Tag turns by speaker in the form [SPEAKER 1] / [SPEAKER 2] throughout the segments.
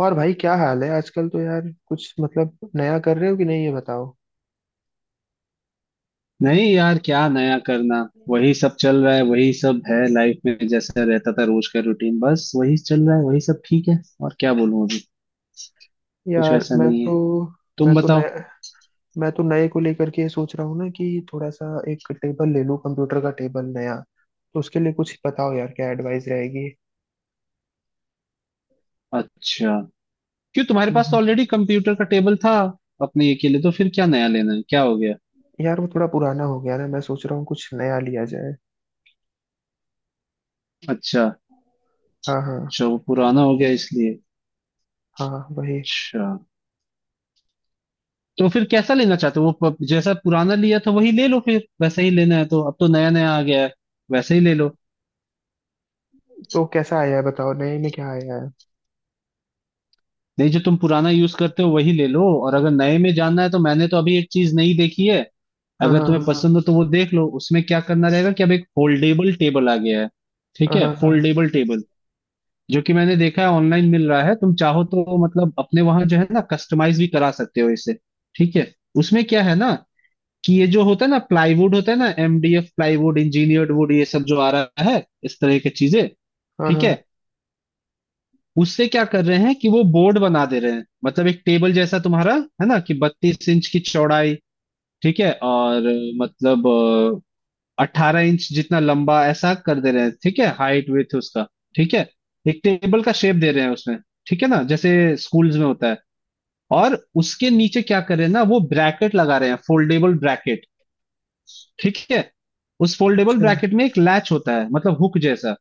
[SPEAKER 1] और भाई क्या हाल है आजकल? तो यार कुछ मतलब नया कर रहे हो कि नहीं, ये बताओ।
[SPEAKER 2] नहीं यार, क्या नया करना। वही सब चल रहा है, वही सब है लाइफ में। जैसा रहता था रोज का रूटीन, बस वही चल रहा है, वही सब ठीक है। और क्या बोलूं अभी, कुछ
[SPEAKER 1] यार
[SPEAKER 2] वैसा नहीं है।
[SPEAKER 1] मैं
[SPEAKER 2] तुम
[SPEAKER 1] तो
[SPEAKER 2] बताओ।
[SPEAKER 1] नया मैं तो नए को लेकर के ये सोच रहा हूँ ना कि थोड़ा सा एक टेबल ले लूँ, कंप्यूटर का टेबल नया। तो उसके लिए कुछ बताओ यार, क्या एडवाइस रहेगी।
[SPEAKER 2] अच्छा, क्यों? तुम्हारे पास तो
[SPEAKER 1] हम्म।
[SPEAKER 2] ऑलरेडी कंप्यूटर का टेबल था अपने ये के लिए। तो फिर क्या नया लेना है, क्या हो गया?
[SPEAKER 1] यार वो थोड़ा पुराना हो गया ना, मैं सोच रहा हूँ कुछ नया लिया जाए।
[SPEAKER 2] अच्छा,
[SPEAKER 1] हाँ, हाँ
[SPEAKER 2] अच्छा वो पुराना हो गया इसलिए।
[SPEAKER 1] हाँ वही।
[SPEAKER 2] अच्छा, तो फिर कैसा लेना चाहते हो वो? जैसा पुराना लिया था वही ले लो, फिर वैसा ही लेना है तो। अब तो नया नया आ गया है, वैसे ही ले लो।
[SPEAKER 1] तो कैसा आया है बताओ, नए में क्या आया है?
[SPEAKER 2] नहीं, जो तुम पुराना यूज करते हो वही ले लो, और अगर नए में जानना है तो मैंने तो अभी एक चीज नहीं देखी है।
[SPEAKER 1] हाँ
[SPEAKER 2] अगर
[SPEAKER 1] हाँ
[SPEAKER 2] तुम्हें
[SPEAKER 1] हाँ
[SPEAKER 2] पसंद हो तो वो देख लो। उसमें क्या करना रहेगा कि अब एक फोल्डेबल टेबल आ गया है। ठीक
[SPEAKER 1] हाँ
[SPEAKER 2] है,
[SPEAKER 1] हाँ हाँ
[SPEAKER 2] फोल्डेबल टेबल, जो कि मैंने देखा है ऑनलाइन मिल रहा है। तुम चाहो तो मतलब अपने वहां, जो है ना, कस्टमाइज भी करा सकते हो इसे। ठीक है। उसमें क्या है ना कि ये जो होता है ना, प्लाईवुड होता है ना, एमडीएफ प्लाईवुड, इंजीनियर्ड वुड, ये सब जो आ रहा है इस तरह की चीजें।
[SPEAKER 1] हाँ
[SPEAKER 2] ठीक है।
[SPEAKER 1] हाँ।
[SPEAKER 2] उससे क्या कर रहे हैं कि वो बोर्ड बना दे रहे हैं, मतलब एक टेबल जैसा तुम्हारा है ना, कि 32 इंच की चौड़ाई। ठीक है। और मतलब 18 इंच जितना लंबा, ऐसा कर दे रहे हैं। ठीक है, हाइट विथ उसका। ठीक है। एक टेबल का शेप दे रहे हैं उसमें। ठीक है ना, जैसे स्कूल्स में होता है। और उसके नीचे क्या कर रहे हैं ना, वो ब्रैकेट लगा रहे हैं, फोल्डेबल ब्रैकेट। ठीक है। उस फोल्डेबल
[SPEAKER 1] अच्छा।
[SPEAKER 2] ब्रैकेट में एक लैच होता है, मतलब हुक जैसा,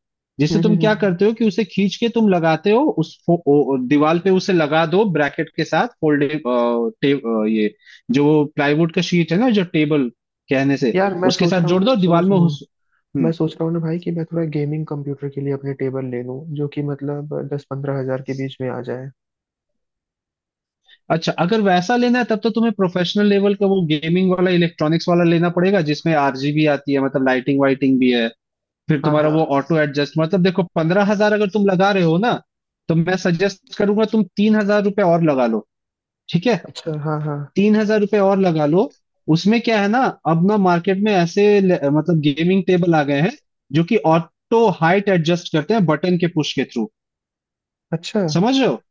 [SPEAKER 1] हम्म,
[SPEAKER 2] जिसे तुम क्या
[SPEAKER 1] हम्म।
[SPEAKER 2] करते हो कि उसे खींच के तुम लगाते हो। उस दीवार पे उसे लगा दो ब्रैकेट के साथ। फोल्डे अ, टे, अ, ये जो प्लाईवुड का शीट है ना, जो टेबल कहने से,
[SPEAKER 1] यार मैं
[SPEAKER 2] उसके
[SPEAKER 1] सोच
[SPEAKER 2] साथ
[SPEAKER 1] रहा हूँ
[SPEAKER 2] जोड़
[SPEAKER 1] ना,
[SPEAKER 2] दो
[SPEAKER 1] सुनो
[SPEAKER 2] दीवार में
[SPEAKER 1] सुनो, मैं
[SPEAKER 2] हम्म।
[SPEAKER 1] सोच रहा हूँ ना भाई कि मैं थोड़ा गेमिंग कंप्यूटर के लिए अपने टेबल ले लूँ जो कि मतलब 10-15 हजार के बीच में आ जाए।
[SPEAKER 2] अच्छा, अगर वैसा लेना है तब तो तुम्हें प्रोफेशनल लेवल का वो गेमिंग वाला, इलेक्ट्रॉनिक्स वाला लेना पड़ेगा, जिसमें आरजीबी आती है, मतलब लाइटिंग वाइटिंग भी है। फिर
[SPEAKER 1] हाँ
[SPEAKER 2] तुम्हारा वो
[SPEAKER 1] हाँ।
[SPEAKER 2] ऑटो एडजस्ट, मतलब देखो, 15,000 अगर तुम लगा रहे हो ना, तो मैं सजेस्ट करूंगा तुम 3,000 रुपये और लगा लो। ठीक है,
[SPEAKER 1] अच्छा हाँ हाँ।
[SPEAKER 2] 3,000 रुपये और लगा लो। उसमें क्या है ना, अब ना मार्केट में ऐसे मतलब गेमिंग टेबल आ गए हैं, जो कि ऑटो हाइट एडजस्ट करते हैं बटन के पुश के थ्रू।
[SPEAKER 1] अच्छा,
[SPEAKER 2] समझ रहे हो?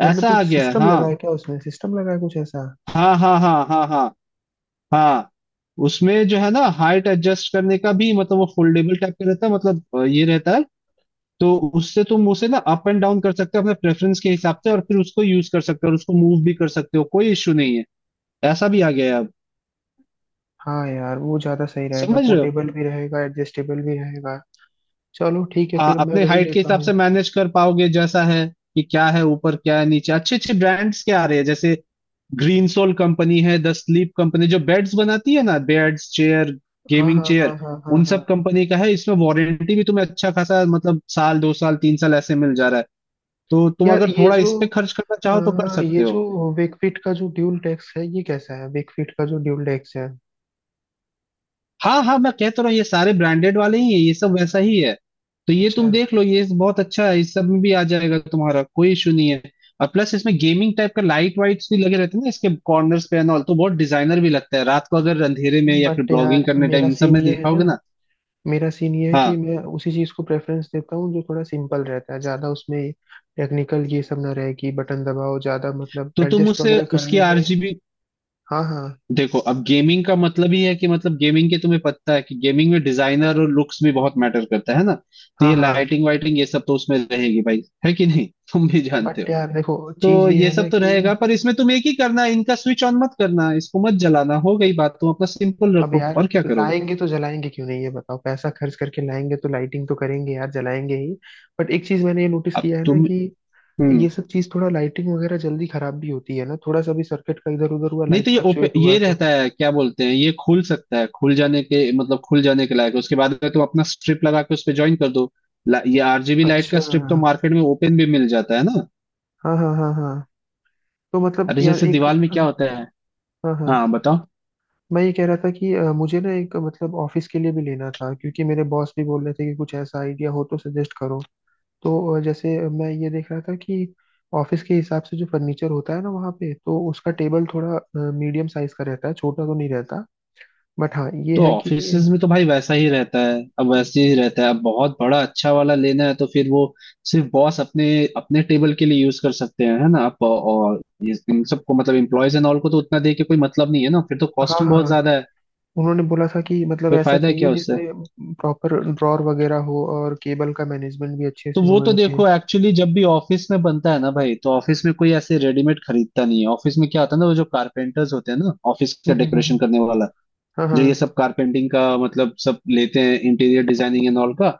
[SPEAKER 1] तो मतलब
[SPEAKER 2] ऐसा आ
[SPEAKER 1] कुछ
[SPEAKER 2] गया है।
[SPEAKER 1] सिस्टम लगा
[SPEAKER 2] हाँ,
[SPEAKER 1] है क्या उसमें? सिस्टम लगा है कुछ ऐसा?
[SPEAKER 2] हाँ हाँ हाँ हाँ हाँ हाँ। उसमें जो है ना, हाइट एडजस्ट करने का भी, मतलब वो फोल्डेबल टाइप का रहता है, मतलब ये रहता है। तो उससे तुम उसे ना अप एंड डाउन कर सकते हो अपने प्रेफरेंस के हिसाब से, और फिर उसको यूज कर सकते हो, और उसको मूव भी कर सकते हो, कोई इश्यू नहीं है। ऐसा भी आ गया है अब।
[SPEAKER 1] हाँ यार, वो ज़्यादा सही रहेगा,
[SPEAKER 2] समझ रहे हो?
[SPEAKER 1] पोर्टेबल भी रहेगा, एडजस्टेबल भी रहेगा। चलो ठीक है,
[SPEAKER 2] हाँ,
[SPEAKER 1] फिर मैं
[SPEAKER 2] अपने
[SPEAKER 1] वही
[SPEAKER 2] हाइट के
[SPEAKER 1] लेता
[SPEAKER 2] हिसाब
[SPEAKER 1] हूँ।
[SPEAKER 2] से मैनेज कर पाओगे जैसा है कि क्या है ऊपर, क्या है नीचे। अच्छे अच्छे ब्रांड्स के आ रहे हैं, जैसे ग्रीन सोल कंपनी है, द स्लीप कंपनी जो बेड्स बनाती है ना, बेड्स, चेयर,
[SPEAKER 1] हाँ
[SPEAKER 2] गेमिंग
[SPEAKER 1] हाँ हाँ
[SPEAKER 2] चेयर,
[SPEAKER 1] हाँ हाँ
[SPEAKER 2] उन
[SPEAKER 1] हाँ।
[SPEAKER 2] सब कंपनी का है। इसमें वारंटी भी तुम्हें अच्छा खासा, मतलब साल, 2 साल, 3 साल ऐसे मिल जा रहा है। तो तुम
[SPEAKER 1] यार
[SPEAKER 2] अगर
[SPEAKER 1] ये
[SPEAKER 2] थोड़ा
[SPEAKER 1] जो
[SPEAKER 2] इस पे खर्च करना चाहो तो कर
[SPEAKER 1] हाँ ये
[SPEAKER 2] सकते हो।
[SPEAKER 1] जो वेकफिट का जो ड्यूल डेस्क है ये कैसा है? वेकफिट का जो ड्यूल डेस्क है।
[SPEAKER 2] हाँ हाँ, मैं कह तो रहा हूँ ये सारे ब्रांडेड वाले ही है, ये सब वैसा ही है। तो ये
[SPEAKER 1] अच्छा।
[SPEAKER 2] तुम देख लो, ये बहुत अच्छा है, इस सब में भी आ जाएगा तुम्हारा, कोई इशू नहीं है। और प्लस इसमें गेमिंग टाइप का लाइट वाइट्स भी लगे रहते हैं ना इसके कॉर्नर्स पे एंड ऑल, तो बहुत डिजाइनर भी लगता है रात को अगर अंधेरे में, या फिर
[SPEAKER 1] बट यार
[SPEAKER 2] ब्लॉगिंग करने टाइम
[SPEAKER 1] मेरा
[SPEAKER 2] इन सब
[SPEAKER 1] सीन
[SPEAKER 2] में
[SPEAKER 1] ये है
[SPEAKER 2] दिखाओगे
[SPEAKER 1] ना
[SPEAKER 2] ना।
[SPEAKER 1] मेरा सीन ये है कि
[SPEAKER 2] हाँ,
[SPEAKER 1] मैं उसी चीज को प्रेफरेंस देता हूँ जो थोड़ा सिंपल रहता है, ज्यादा उसमें टेक्निकल ये सब ना रहे कि बटन दबाओ, ज्यादा मतलब
[SPEAKER 2] तो तुम
[SPEAKER 1] एडजस्ट
[SPEAKER 2] उसे
[SPEAKER 1] वगैरह
[SPEAKER 2] उसकी
[SPEAKER 1] करने में।
[SPEAKER 2] आरजीबी
[SPEAKER 1] हाँ हाँ
[SPEAKER 2] देखो। अब गेमिंग का मतलब ही है कि मतलब गेमिंग के तुम्हें पता है कि गेमिंग में डिजाइनर और लुक्स भी बहुत मैटर करता है ना। तो
[SPEAKER 1] हाँ
[SPEAKER 2] ये
[SPEAKER 1] हाँ।
[SPEAKER 2] लाइटिंग वाइटिंग ये सब तो उसमें रहेगी भाई, है कि नहीं, तुम भी जानते
[SPEAKER 1] बट
[SPEAKER 2] हो।
[SPEAKER 1] यार देखो चीज
[SPEAKER 2] तो
[SPEAKER 1] ये
[SPEAKER 2] ये
[SPEAKER 1] है ना
[SPEAKER 2] सब तो
[SPEAKER 1] कि
[SPEAKER 2] रहेगा, पर इसमें तुम एक ही करना, इनका स्विच ऑन मत करना, इसको मत जलाना, हो गई बात। तुम अपना सिंपल
[SPEAKER 1] अब
[SPEAKER 2] रखो,
[SPEAKER 1] यार
[SPEAKER 2] और क्या करोगे।
[SPEAKER 1] लाएंगे तो जलाएंगे क्यों नहीं, ये बताओ। पैसा खर्च करके लाएंगे तो लाइटिंग तो करेंगे यार, जलाएंगे ही। बट एक चीज मैंने ये नोटिस
[SPEAKER 2] अब
[SPEAKER 1] किया है ना
[SPEAKER 2] तुम,
[SPEAKER 1] कि
[SPEAKER 2] हम्म।
[SPEAKER 1] ये सब चीज थोड़ा लाइटिंग वगैरह जल्दी खराब भी होती है ना। थोड़ा सा भी सर्किट का इधर उधर हुआ,
[SPEAKER 2] नहीं
[SPEAKER 1] लाइट
[SPEAKER 2] तो ये ओपन
[SPEAKER 1] फ्लक्चुएट
[SPEAKER 2] ये
[SPEAKER 1] हुआ तो।
[SPEAKER 2] रहता है, क्या बोलते हैं, ये खुल सकता है, खुल जाने के, मतलब खुल जाने के लायक है। उसके बाद में तुम अपना स्ट्रिप लगा के उस पे ज्वाइन कर दो। ये आरजीबी लाइट का
[SPEAKER 1] अच्छा।
[SPEAKER 2] स्ट्रिप तो मार्केट में ओपन भी मिल जाता है ना।
[SPEAKER 1] हाँ हाँ हाँ हाँ। तो मतलब
[SPEAKER 2] अरे
[SPEAKER 1] यार
[SPEAKER 2] जैसे
[SPEAKER 1] एक
[SPEAKER 2] दीवार में क्या होता है।
[SPEAKER 1] हाँ हाँ,
[SPEAKER 2] हाँ बताओ।
[SPEAKER 1] मैं ये कह रहा था कि मुझे ना एक मतलब ऑफिस के लिए भी लेना था, क्योंकि मेरे बॉस भी बोल रहे थे कि कुछ ऐसा आइडिया हो तो सजेस्ट करो। तो जैसे मैं ये देख रहा था कि ऑफिस के हिसाब से जो फर्नीचर होता है ना वहाँ पे, तो उसका टेबल थोड़ा मीडियम साइज का रहता है, छोटा तो नहीं रहता। बट हाँ ये
[SPEAKER 2] तो
[SPEAKER 1] है कि।
[SPEAKER 2] ऑफिसेज में तो भाई वैसा ही रहता है, अब वैसे ही रहता है। अब बहुत बड़ा अच्छा वाला लेना है तो फिर वो सिर्फ बॉस अपने अपने टेबल के लिए यूज कर सकते हैं, है ना आप। और इन सबको मतलब एम्प्लॉयज एंड ऑल को तो उतना दे के कोई मतलब नहीं है ना, फिर तो
[SPEAKER 1] हाँ
[SPEAKER 2] कॉस्टिंग बहुत
[SPEAKER 1] हाँ।
[SPEAKER 2] ज्यादा है।
[SPEAKER 1] उन्होंने बोला था कि मतलब
[SPEAKER 2] कोई
[SPEAKER 1] ऐसा
[SPEAKER 2] फायदा है
[SPEAKER 1] चाहिए
[SPEAKER 2] क्या उससे।
[SPEAKER 1] जिसमें प्रॉपर ड्रॉर वगैरह हो और केबल का मैनेजमेंट भी अच्छे
[SPEAKER 2] तो
[SPEAKER 1] से
[SPEAKER 2] वो
[SPEAKER 1] हो
[SPEAKER 2] तो
[SPEAKER 1] रखे।
[SPEAKER 2] देखो एक्चुअली जब भी ऑफिस में बनता है ना भाई, तो ऑफिस में कोई ऐसे रेडीमेड खरीदता नहीं है। ऑफिस में क्या होता है ना, वो जो कारपेंटर्स होते हैं ना, ऑफिस का डेकोरेशन
[SPEAKER 1] हम्म।
[SPEAKER 2] करने वाला
[SPEAKER 1] हाँ
[SPEAKER 2] जो ये
[SPEAKER 1] हाँ।
[SPEAKER 2] सब कारपेंटिंग का मतलब सब लेते हैं, इंटीरियर डिजाइनिंग एंड ऑल का,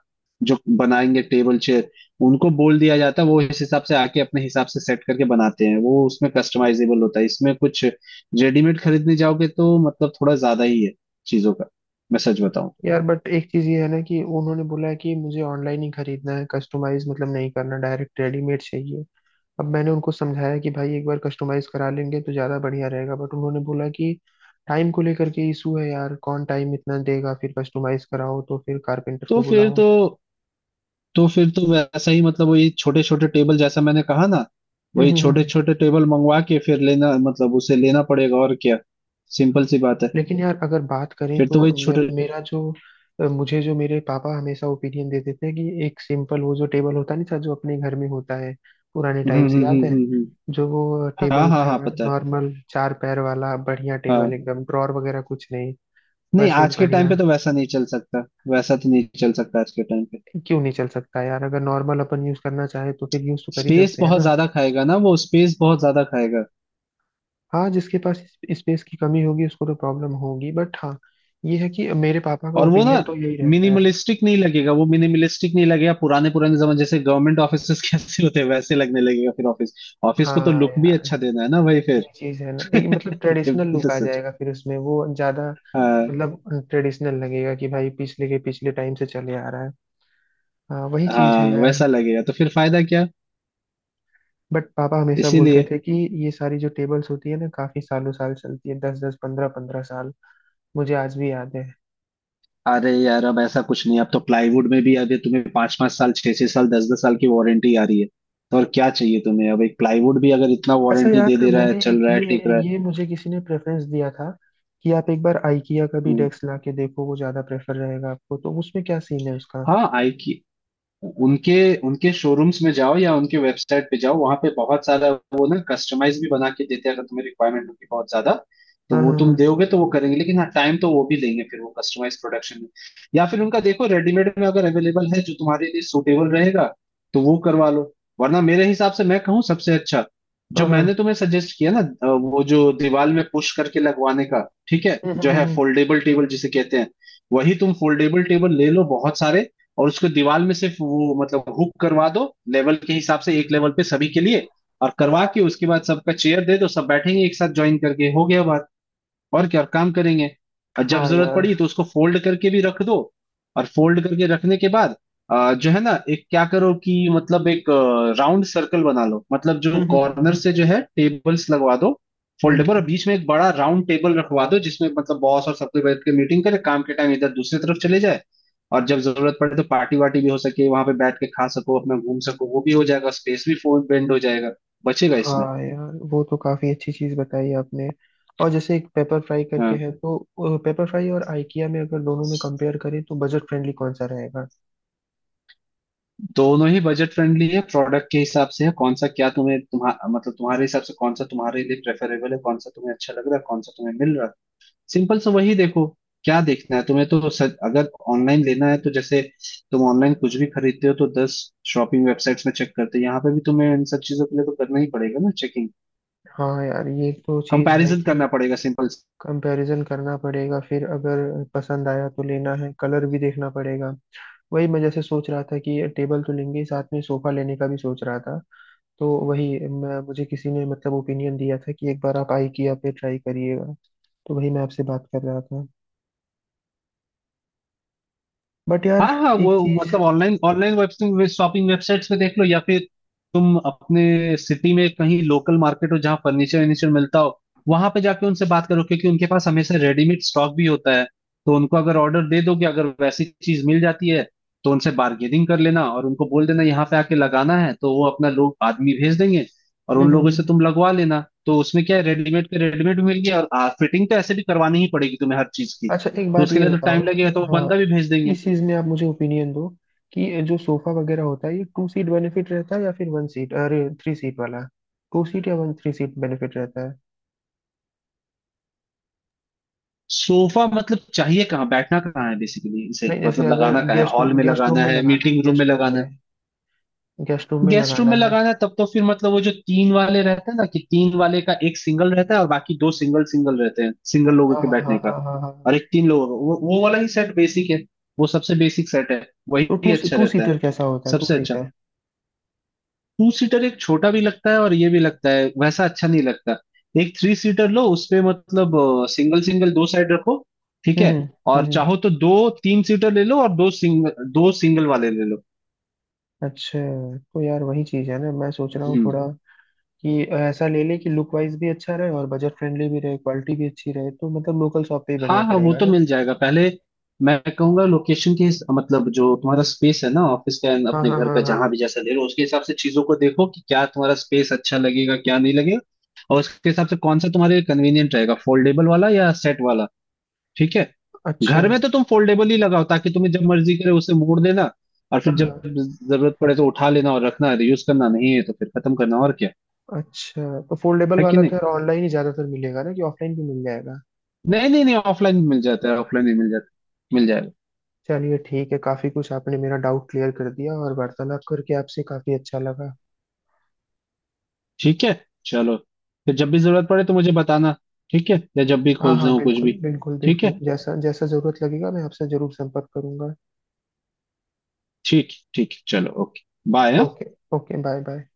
[SPEAKER 2] जो बनाएंगे टेबल चेयर, उनको बोल दिया जाता है, वो इस हिसाब से आके अपने हिसाब से सेट करके बनाते हैं। वो उसमें कस्टमाइजेबल होता है इसमें कुछ। रेडीमेड खरीदने जाओगे तो मतलब थोड़ा ज्यादा ही है चीजों का, मैं सच बताऊं तो।
[SPEAKER 1] यार बट एक चीज ये है ना कि उन्होंने बोला है कि मुझे ऑनलाइन ही खरीदना है, कस्टमाइज मतलब नहीं करना, डायरेक्ट रेडीमेड चाहिए। अब मैंने उनको समझाया कि भाई एक बार कस्टमाइज करा लेंगे तो ज्यादा बढ़िया रहेगा, बट उन्होंने बोला कि टाइम को लेकर के इशू है यार, कौन टाइम इतना देगा, फिर कस्टमाइज कराओ तो फिर कारपेंटर
[SPEAKER 2] तो
[SPEAKER 1] को
[SPEAKER 2] फिर
[SPEAKER 1] बुलाओ।
[SPEAKER 2] तो तो फिर तो वैसा ही, मतलब वही छोटे छोटे टेबल, जैसा मैंने कहा ना। वही छोटे छोटे टेबल मंगवा के फिर लेना, मतलब उसे लेना पड़ेगा और क्या, सिंपल सी बात है।
[SPEAKER 1] लेकिन यार अगर बात करें
[SPEAKER 2] फिर तो वही
[SPEAKER 1] तो
[SPEAKER 2] छोटे।
[SPEAKER 1] मेरा जो मुझे जो मेरे पापा हमेशा ओपिनियन देते थे कि एक सिंपल वो जो टेबल होता नहीं था जो अपने घर में होता है, पुराने
[SPEAKER 2] हम्म
[SPEAKER 1] टाइम से
[SPEAKER 2] हम्म हम्म
[SPEAKER 1] याद है,
[SPEAKER 2] हम्म हम्म।
[SPEAKER 1] जो वो
[SPEAKER 2] हाँ
[SPEAKER 1] टेबल
[SPEAKER 2] हाँ
[SPEAKER 1] था,
[SPEAKER 2] हाँ, पता है।
[SPEAKER 1] नॉर्मल चार पैर वाला बढ़िया टेबल
[SPEAKER 2] हाँ,
[SPEAKER 1] एकदम, ड्रॉर वगैरह कुछ नहीं,
[SPEAKER 2] नहीं
[SPEAKER 1] बस
[SPEAKER 2] आज
[SPEAKER 1] एक
[SPEAKER 2] के टाइम
[SPEAKER 1] बढ़िया।
[SPEAKER 2] पे तो वैसा नहीं चल सकता, वैसा तो नहीं चल सकता आज के टाइम पे।
[SPEAKER 1] क्यों नहीं चल सकता यार, अगर नॉर्मल अपन यूज करना चाहे तो फिर यूज तो कर ही
[SPEAKER 2] स्पेस
[SPEAKER 1] सकते हैं
[SPEAKER 2] बहुत
[SPEAKER 1] ना।
[SPEAKER 2] ज्यादा खाएगा ना वो, स्पेस बहुत ज्यादा खाएगा।
[SPEAKER 1] हाँ, जिसके पास स्पेस की कमी होगी उसको तो प्रॉब्लम होगी, बट हाँ ये है कि मेरे पापा का
[SPEAKER 2] और वो ना
[SPEAKER 1] ओपिनियन तो यही रहता है।
[SPEAKER 2] मिनिमलिस्टिक नहीं लगेगा, वो मिनिमलिस्टिक नहीं लगेगा। पुराने पुराने जमाने जैसे गवर्नमेंट ऑफिस कैसे होते हैं, वैसे लगने लगेगा फिर ऑफिस। ऑफिस को तो
[SPEAKER 1] हाँ
[SPEAKER 2] लुक भी
[SPEAKER 1] यार,
[SPEAKER 2] अच्छा देना है ना भाई फिर।
[SPEAKER 1] ये चीज है ना, एक मतलब
[SPEAKER 2] ये
[SPEAKER 1] ट्रेडिशनल
[SPEAKER 2] भी
[SPEAKER 1] लुक
[SPEAKER 2] तो
[SPEAKER 1] आ
[SPEAKER 2] सच।
[SPEAKER 1] जाएगा फिर उसमें, वो ज्यादा
[SPEAKER 2] हाँ
[SPEAKER 1] मतलब ट्रेडिशनल लगेगा कि भाई पिछले के पिछले टाइम से चले आ रहा है। हाँ वही चीज
[SPEAKER 2] हाँ,
[SPEAKER 1] है यार।
[SPEAKER 2] वैसा लगेगा तो फिर फायदा क्या,
[SPEAKER 1] बट पापा हमेशा बोलते
[SPEAKER 2] इसीलिए।
[SPEAKER 1] थे कि ये सारी जो टेबल्स होती है ना काफी सालों साल चलती है, 10-10, 15-15 साल। मुझे आज भी याद है।
[SPEAKER 2] अरे यार, अब ऐसा कुछ नहीं, अब तो प्लाईवुड में भी अभी तुम्हें 5 5 साल, 6 6 साल, 10 10 साल की वारंटी आ रही है। तो और क्या चाहिए तुम्हें। अब एक प्लाईवुड भी अगर इतना
[SPEAKER 1] अच्छा
[SPEAKER 2] वारंटी
[SPEAKER 1] यार,
[SPEAKER 2] दे दे रहा है,
[SPEAKER 1] मैंने
[SPEAKER 2] चल
[SPEAKER 1] एक
[SPEAKER 2] रहा है, टिक
[SPEAKER 1] ये
[SPEAKER 2] रहा है।
[SPEAKER 1] ये मुझे किसी ने प्रेफरेंस दिया था कि आप एक बार IKEA का भी
[SPEAKER 2] हम्म।
[SPEAKER 1] डेस्क ला के देखो, वो ज्यादा प्रेफर रहेगा आपको। तो उसमें क्या सीन है उसका?
[SPEAKER 2] हाँ, आई, उनके उनके शोरूम्स में जाओ या उनके वेबसाइट पे जाओ, वहां पे बहुत सारा वो ना कस्टमाइज भी बना के देते हैं अगर तुम्हें रिक्वायरमेंट होगी बहुत ज्यादा। तो
[SPEAKER 1] हाँ
[SPEAKER 2] वो तुम
[SPEAKER 1] हाँ
[SPEAKER 2] दोगे तो वो करेंगे, लेकिन हाँ, टाइम तो वो भी लेंगे फिर वो कस्टमाइज प्रोडक्शन में। या फिर उनका देखो रेडीमेड में अगर अवेलेबल है जो तुम्हारे लिए सूटेबल रहेगा, तो वो करवा लो। वरना मेरे हिसाब से मैं कहूँ सबसे अच्छा जो
[SPEAKER 1] हाँ हाँ हाँ।
[SPEAKER 2] मैंने तुम्हें सजेस्ट किया ना, वो जो दीवार में पुश करके लगवाने का। ठीक है,
[SPEAKER 1] हम्म,
[SPEAKER 2] जो
[SPEAKER 1] हम्म,
[SPEAKER 2] है
[SPEAKER 1] हम्म, हम्म।
[SPEAKER 2] फोल्डेबल टेबल जिसे कहते हैं, वही तुम फोल्डेबल टेबल ले लो बहुत सारे। और उसको दीवार में सिर्फ वो मतलब हुक करवा दो, लेवल के हिसाब से एक लेवल पे सभी के लिए। और करवा के उसके बाद सबका चेयर दे दो, सब बैठेंगे एक साथ ज्वाइन करके, हो गया बात, और क्या काम करेंगे। और जब
[SPEAKER 1] हाँ
[SPEAKER 2] जरूरत
[SPEAKER 1] यार।
[SPEAKER 2] पड़ी तो उसको फोल्ड करके भी रख दो। और फोल्ड करके रखने के बाद जो है ना, एक क्या करो कि मतलब एक राउंड सर्कल बना लो, मतलब जो
[SPEAKER 1] हम्म हम्म, हम्म,
[SPEAKER 2] कॉर्नर
[SPEAKER 1] हम्म।
[SPEAKER 2] से जो है टेबल्स लगवा दो फोल्डेबल, और
[SPEAKER 1] हम्म।
[SPEAKER 2] बीच में एक बड़ा राउंड टेबल रखवा दो, जिसमें मतलब बॉस और सब कोई बैठ के मीटिंग करे काम के टाइम, इधर दूसरी तरफ चले जाए। और जब जरूरत पड़े तो पार्टी वार्टी भी हो सके, वहां पे बैठ के खा सको, अपना घूम सको, वो भी हो जाएगा। स्पेस भी फोन बेंड हो जाएगा, बचेगा इसमें।
[SPEAKER 1] हाँ यार, वो तो काफी अच्छी चीज बताई आपने। और जैसे एक पेपर फ्राई करके
[SPEAKER 2] हाँ।
[SPEAKER 1] है, तो पेपर फ्राई और आइकिया में, अगर दोनों में कंपेयर करें तो बजट फ्रेंडली कौन सा रहेगा?
[SPEAKER 2] दोनों ही बजट फ्रेंडली है प्रोडक्ट के हिसाब से है। कौन सा क्या तुम्हें, तुम्हा मतलब तुम्हारे हिसाब से कौन सा तुम्हारे लिए प्रेफरेबल है, कौन सा तुम्हें अच्छा लग रहा है, कौन सा तुम्हें मिल रहा है, सिंपल सा वही देखो। क्या देखना है तुम्हें। तो सर, अगर ऑनलाइन लेना है तो जैसे तुम ऑनलाइन कुछ भी खरीदते हो तो 10 शॉपिंग वेबसाइट्स में चेक करते हो, यहाँ पे भी तुम्हें इन सब चीजों के लिए तो करना ही पड़ेगा ना चेकिंग,
[SPEAKER 1] हाँ यार ये तो चीज है
[SPEAKER 2] कंपैरिजन
[SPEAKER 1] कि
[SPEAKER 2] करना पड़ेगा, सिंपल।
[SPEAKER 1] कंपैरिजन करना पड़ेगा, फिर अगर पसंद आया तो लेना है, कलर भी देखना पड़ेगा। वही मैं जैसे सोच रहा था कि टेबल तो लेंगे ही, साथ में सोफा लेने का भी सोच रहा था। तो वही मैं, मुझे किसी ने मतलब ओपिनियन दिया था कि एक बार आप आइकिया पे ट्राई करिएगा। तो वही मैं आपसे बात कर रहा था। बट यार
[SPEAKER 2] हाँ हाँ,
[SPEAKER 1] एक
[SPEAKER 2] वो
[SPEAKER 1] चीज
[SPEAKER 2] मतलब online, online web shopping websites पे देख लो, या फिर तुम अपने सिटी में कहीं लोकल मार्केट हो जहाँ फर्नीचर वर्नीचर मिलता हो, वहां पे जाके उनसे बात करो, क्योंकि उनके पास हमेशा रेडीमेड स्टॉक भी होता है। तो उनको अगर ऑर्डर दे दोगे, अगर वैसी चीज मिल जाती है, तो उनसे बार्गेनिंग कर लेना, और उनको बोल देना यहाँ पे आके लगाना है तो वो अपना लोग आदमी भेज देंगे। और
[SPEAKER 1] हम्म
[SPEAKER 2] उन
[SPEAKER 1] हम्म,
[SPEAKER 2] लोगों से
[SPEAKER 1] हम्म।
[SPEAKER 2] तुम लगवा लेना। तो उसमें क्या है, रेडीमेड के रेडीमेड भी मिल गया, और फिटिंग तो ऐसे भी करवानी ही पड़ेगी तुम्हें हर चीज की।
[SPEAKER 1] अच्छा एक
[SPEAKER 2] तो
[SPEAKER 1] बात
[SPEAKER 2] उसके
[SPEAKER 1] ये
[SPEAKER 2] लिए तो टाइम
[SPEAKER 1] बताओ।
[SPEAKER 2] लगेगा, तो वो
[SPEAKER 1] हाँ,
[SPEAKER 2] बंदा भी भेज देंगे।
[SPEAKER 1] इस चीज में आप मुझे ओपिनियन दो कि जो सोफा वगैरह होता है, ये टू सीट बेनिफिट रहता है या फिर वन सीट, अरे थ्री सीट वाला, टू सीट या वन, थ्री सीट बेनिफिट रहता है?
[SPEAKER 2] सोफा, मतलब चाहिए कहाँ, बैठना कहाँ है बेसिकली, इसे
[SPEAKER 1] नहीं, जैसे
[SPEAKER 2] मतलब लगाना
[SPEAKER 1] अगर
[SPEAKER 2] कहाँ है,
[SPEAKER 1] गेस्ट
[SPEAKER 2] हॉल
[SPEAKER 1] रूम,
[SPEAKER 2] में
[SPEAKER 1] गेस्ट रूम
[SPEAKER 2] लगाना
[SPEAKER 1] में
[SPEAKER 2] है,
[SPEAKER 1] लगाना है
[SPEAKER 2] मीटिंग रूम में
[SPEAKER 1] गेस्ट रूम
[SPEAKER 2] लगाना है।
[SPEAKER 1] में गेस्ट रूम में
[SPEAKER 2] गेस्ट रूम
[SPEAKER 1] लगाना
[SPEAKER 2] में
[SPEAKER 1] है।
[SPEAKER 2] लगाना है तब तो फिर मतलब वो जो तीन वाले रहते हैं ना, कि तीन वाले का एक सिंगल रहता है और बाकी दो सिंगल सिंगल रहते हैं, सिंगल लोगों
[SPEAKER 1] हाँ
[SPEAKER 2] के
[SPEAKER 1] हाँ हाँ
[SPEAKER 2] बैठने का।
[SPEAKER 1] हाँ हाँ हाँ।
[SPEAKER 2] और एक तीन लोगों का वो वाला ही सेट बेसिक है, वो सबसे बेसिक सेट है,
[SPEAKER 1] तो
[SPEAKER 2] वही
[SPEAKER 1] टू
[SPEAKER 2] अच्छा
[SPEAKER 1] टू
[SPEAKER 2] रहता है,
[SPEAKER 1] सीटर कैसा होता है, टू
[SPEAKER 2] सबसे अच्छा।
[SPEAKER 1] सीटर?
[SPEAKER 2] टू सीटर एक छोटा भी लगता है और ये भी लगता है, वैसा अच्छा नहीं लगता। एक थ्री सीटर लो, उसपे मतलब सिंगल सिंगल दो साइड रखो। ठीक है,
[SPEAKER 1] हम्म।
[SPEAKER 2] और
[SPEAKER 1] हम्म, हम्म।
[SPEAKER 2] चाहो तो दो तीन सीटर ले लो, और दो सिंगल वाले ले लो।
[SPEAKER 1] अच्छा, तो यार वही चीज है ना, मैं सोच रहा हूँ
[SPEAKER 2] हम्म।
[SPEAKER 1] थोड़ा कि ऐसा ले ले कि लुक वाइज भी अच्छा रहे और बजट फ्रेंडली भी रहे, क्वालिटी भी अच्छी रहे। तो मतलब लोकल शॉप पे ही
[SPEAKER 2] हाँ
[SPEAKER 1] बढ़िया
[SPEAKER 2] हाँ, वो
[SPEAKER 1] पड़ेगा
[SPEAKER 2] तो
[SPEAKER 1] ना?
[SPEAKER 2] मिल जाएगा पहले, मैं कहूंगा लोकेशन के मतलब जो तुम्हारा स्पेस है ना ऑफिस का and
[SPEAKER 1] हाँ
[SPEAKER 2] अपने
[SPEAKER 1] हाँ
[SPEAKER 2] घर का,
[SPEAKER 1] हाँ हाँ।
[SPEAKER 2] जहां भी जैसा ले लो, उसके हिसाब से चीजों को देखो कि क्या तुम्हारा स्पेस अच्छा लगेगा, क्या नहीं लगेगा। और उसके हिसाब से कौन सा तुम्हारे लिए कन्वीनियंट रहेगा, फोल्डेबल वाला या सेट वाला। ठीक है।
[SPEAKER 1] अच्छा
[SPEAKER 2] घर
[SPEAKER 1] हाँ
[SPEAKER 2] में तो तुम फोल्डेबल ही लगाओ, ताकि तुम्हें जब मर्जी करे उसे मोड़ देना, और फिर
[SPEAKER 1] हाँ।
[SPEAKER 2] जब जरूरत पड़े तो उठा लेना, और रखना, यूज करना नहीं है तो फिर खत्म करना, और क्या।
[SPEAKER 1] अच्छा, तो फोल्डेबल
[SPEAKER 2] है कि
[SPEAKER 1] वाला तो
[SPEAKER 2] नहीं?
[SPEAKER 1] यार ऑनलाइन ही ज़्यादातर मिलेगा ना, कि ऑफलाइन भी मिल जाएगा?
[SPEAKER 2] नहीं नहीं नहीं, ऑफलाइन मिल जाता है, ऑफलाइन ही मिल जाता है, मिल जाएगा।
[SPEAKER 1] चलिए ठीक है, काफ़ी कुछ आपने मेरा डाउट क्लियर कर दिया, और वार्तालाप करके आपसे काफ़ी अच्छा लगा।
[SPEAKER 2] ठीक है, चलो। फिर जब भी जरूरत पड़े तो मुझे बताना, ठीक है, या जब भी
[SPEAKER 1] हाँ
[SPEAKER 2] खोजना
[SPEAKER 1] हाँ,
[SPEAKER 2] हो कुछ
[SPEAKER 1] बिल्कुल
[SPEAKER 2] भी।
[SPEAKER 1] बिल्कुल
[SPEAKER 2] ठीक
[SPEAKER 1] बिल्कुल,
[SPEAKER 2] है,
[SPEAKER 1] जैसा जैसा ज़रूरत लगेगा मैं आपसे ज़रूर संपर्क करूंगा।
[SPEAKER 2] ठीक, ठीक, चलो, okay, bye.
[SPEAKER 1] Okay. Okay, bye bye.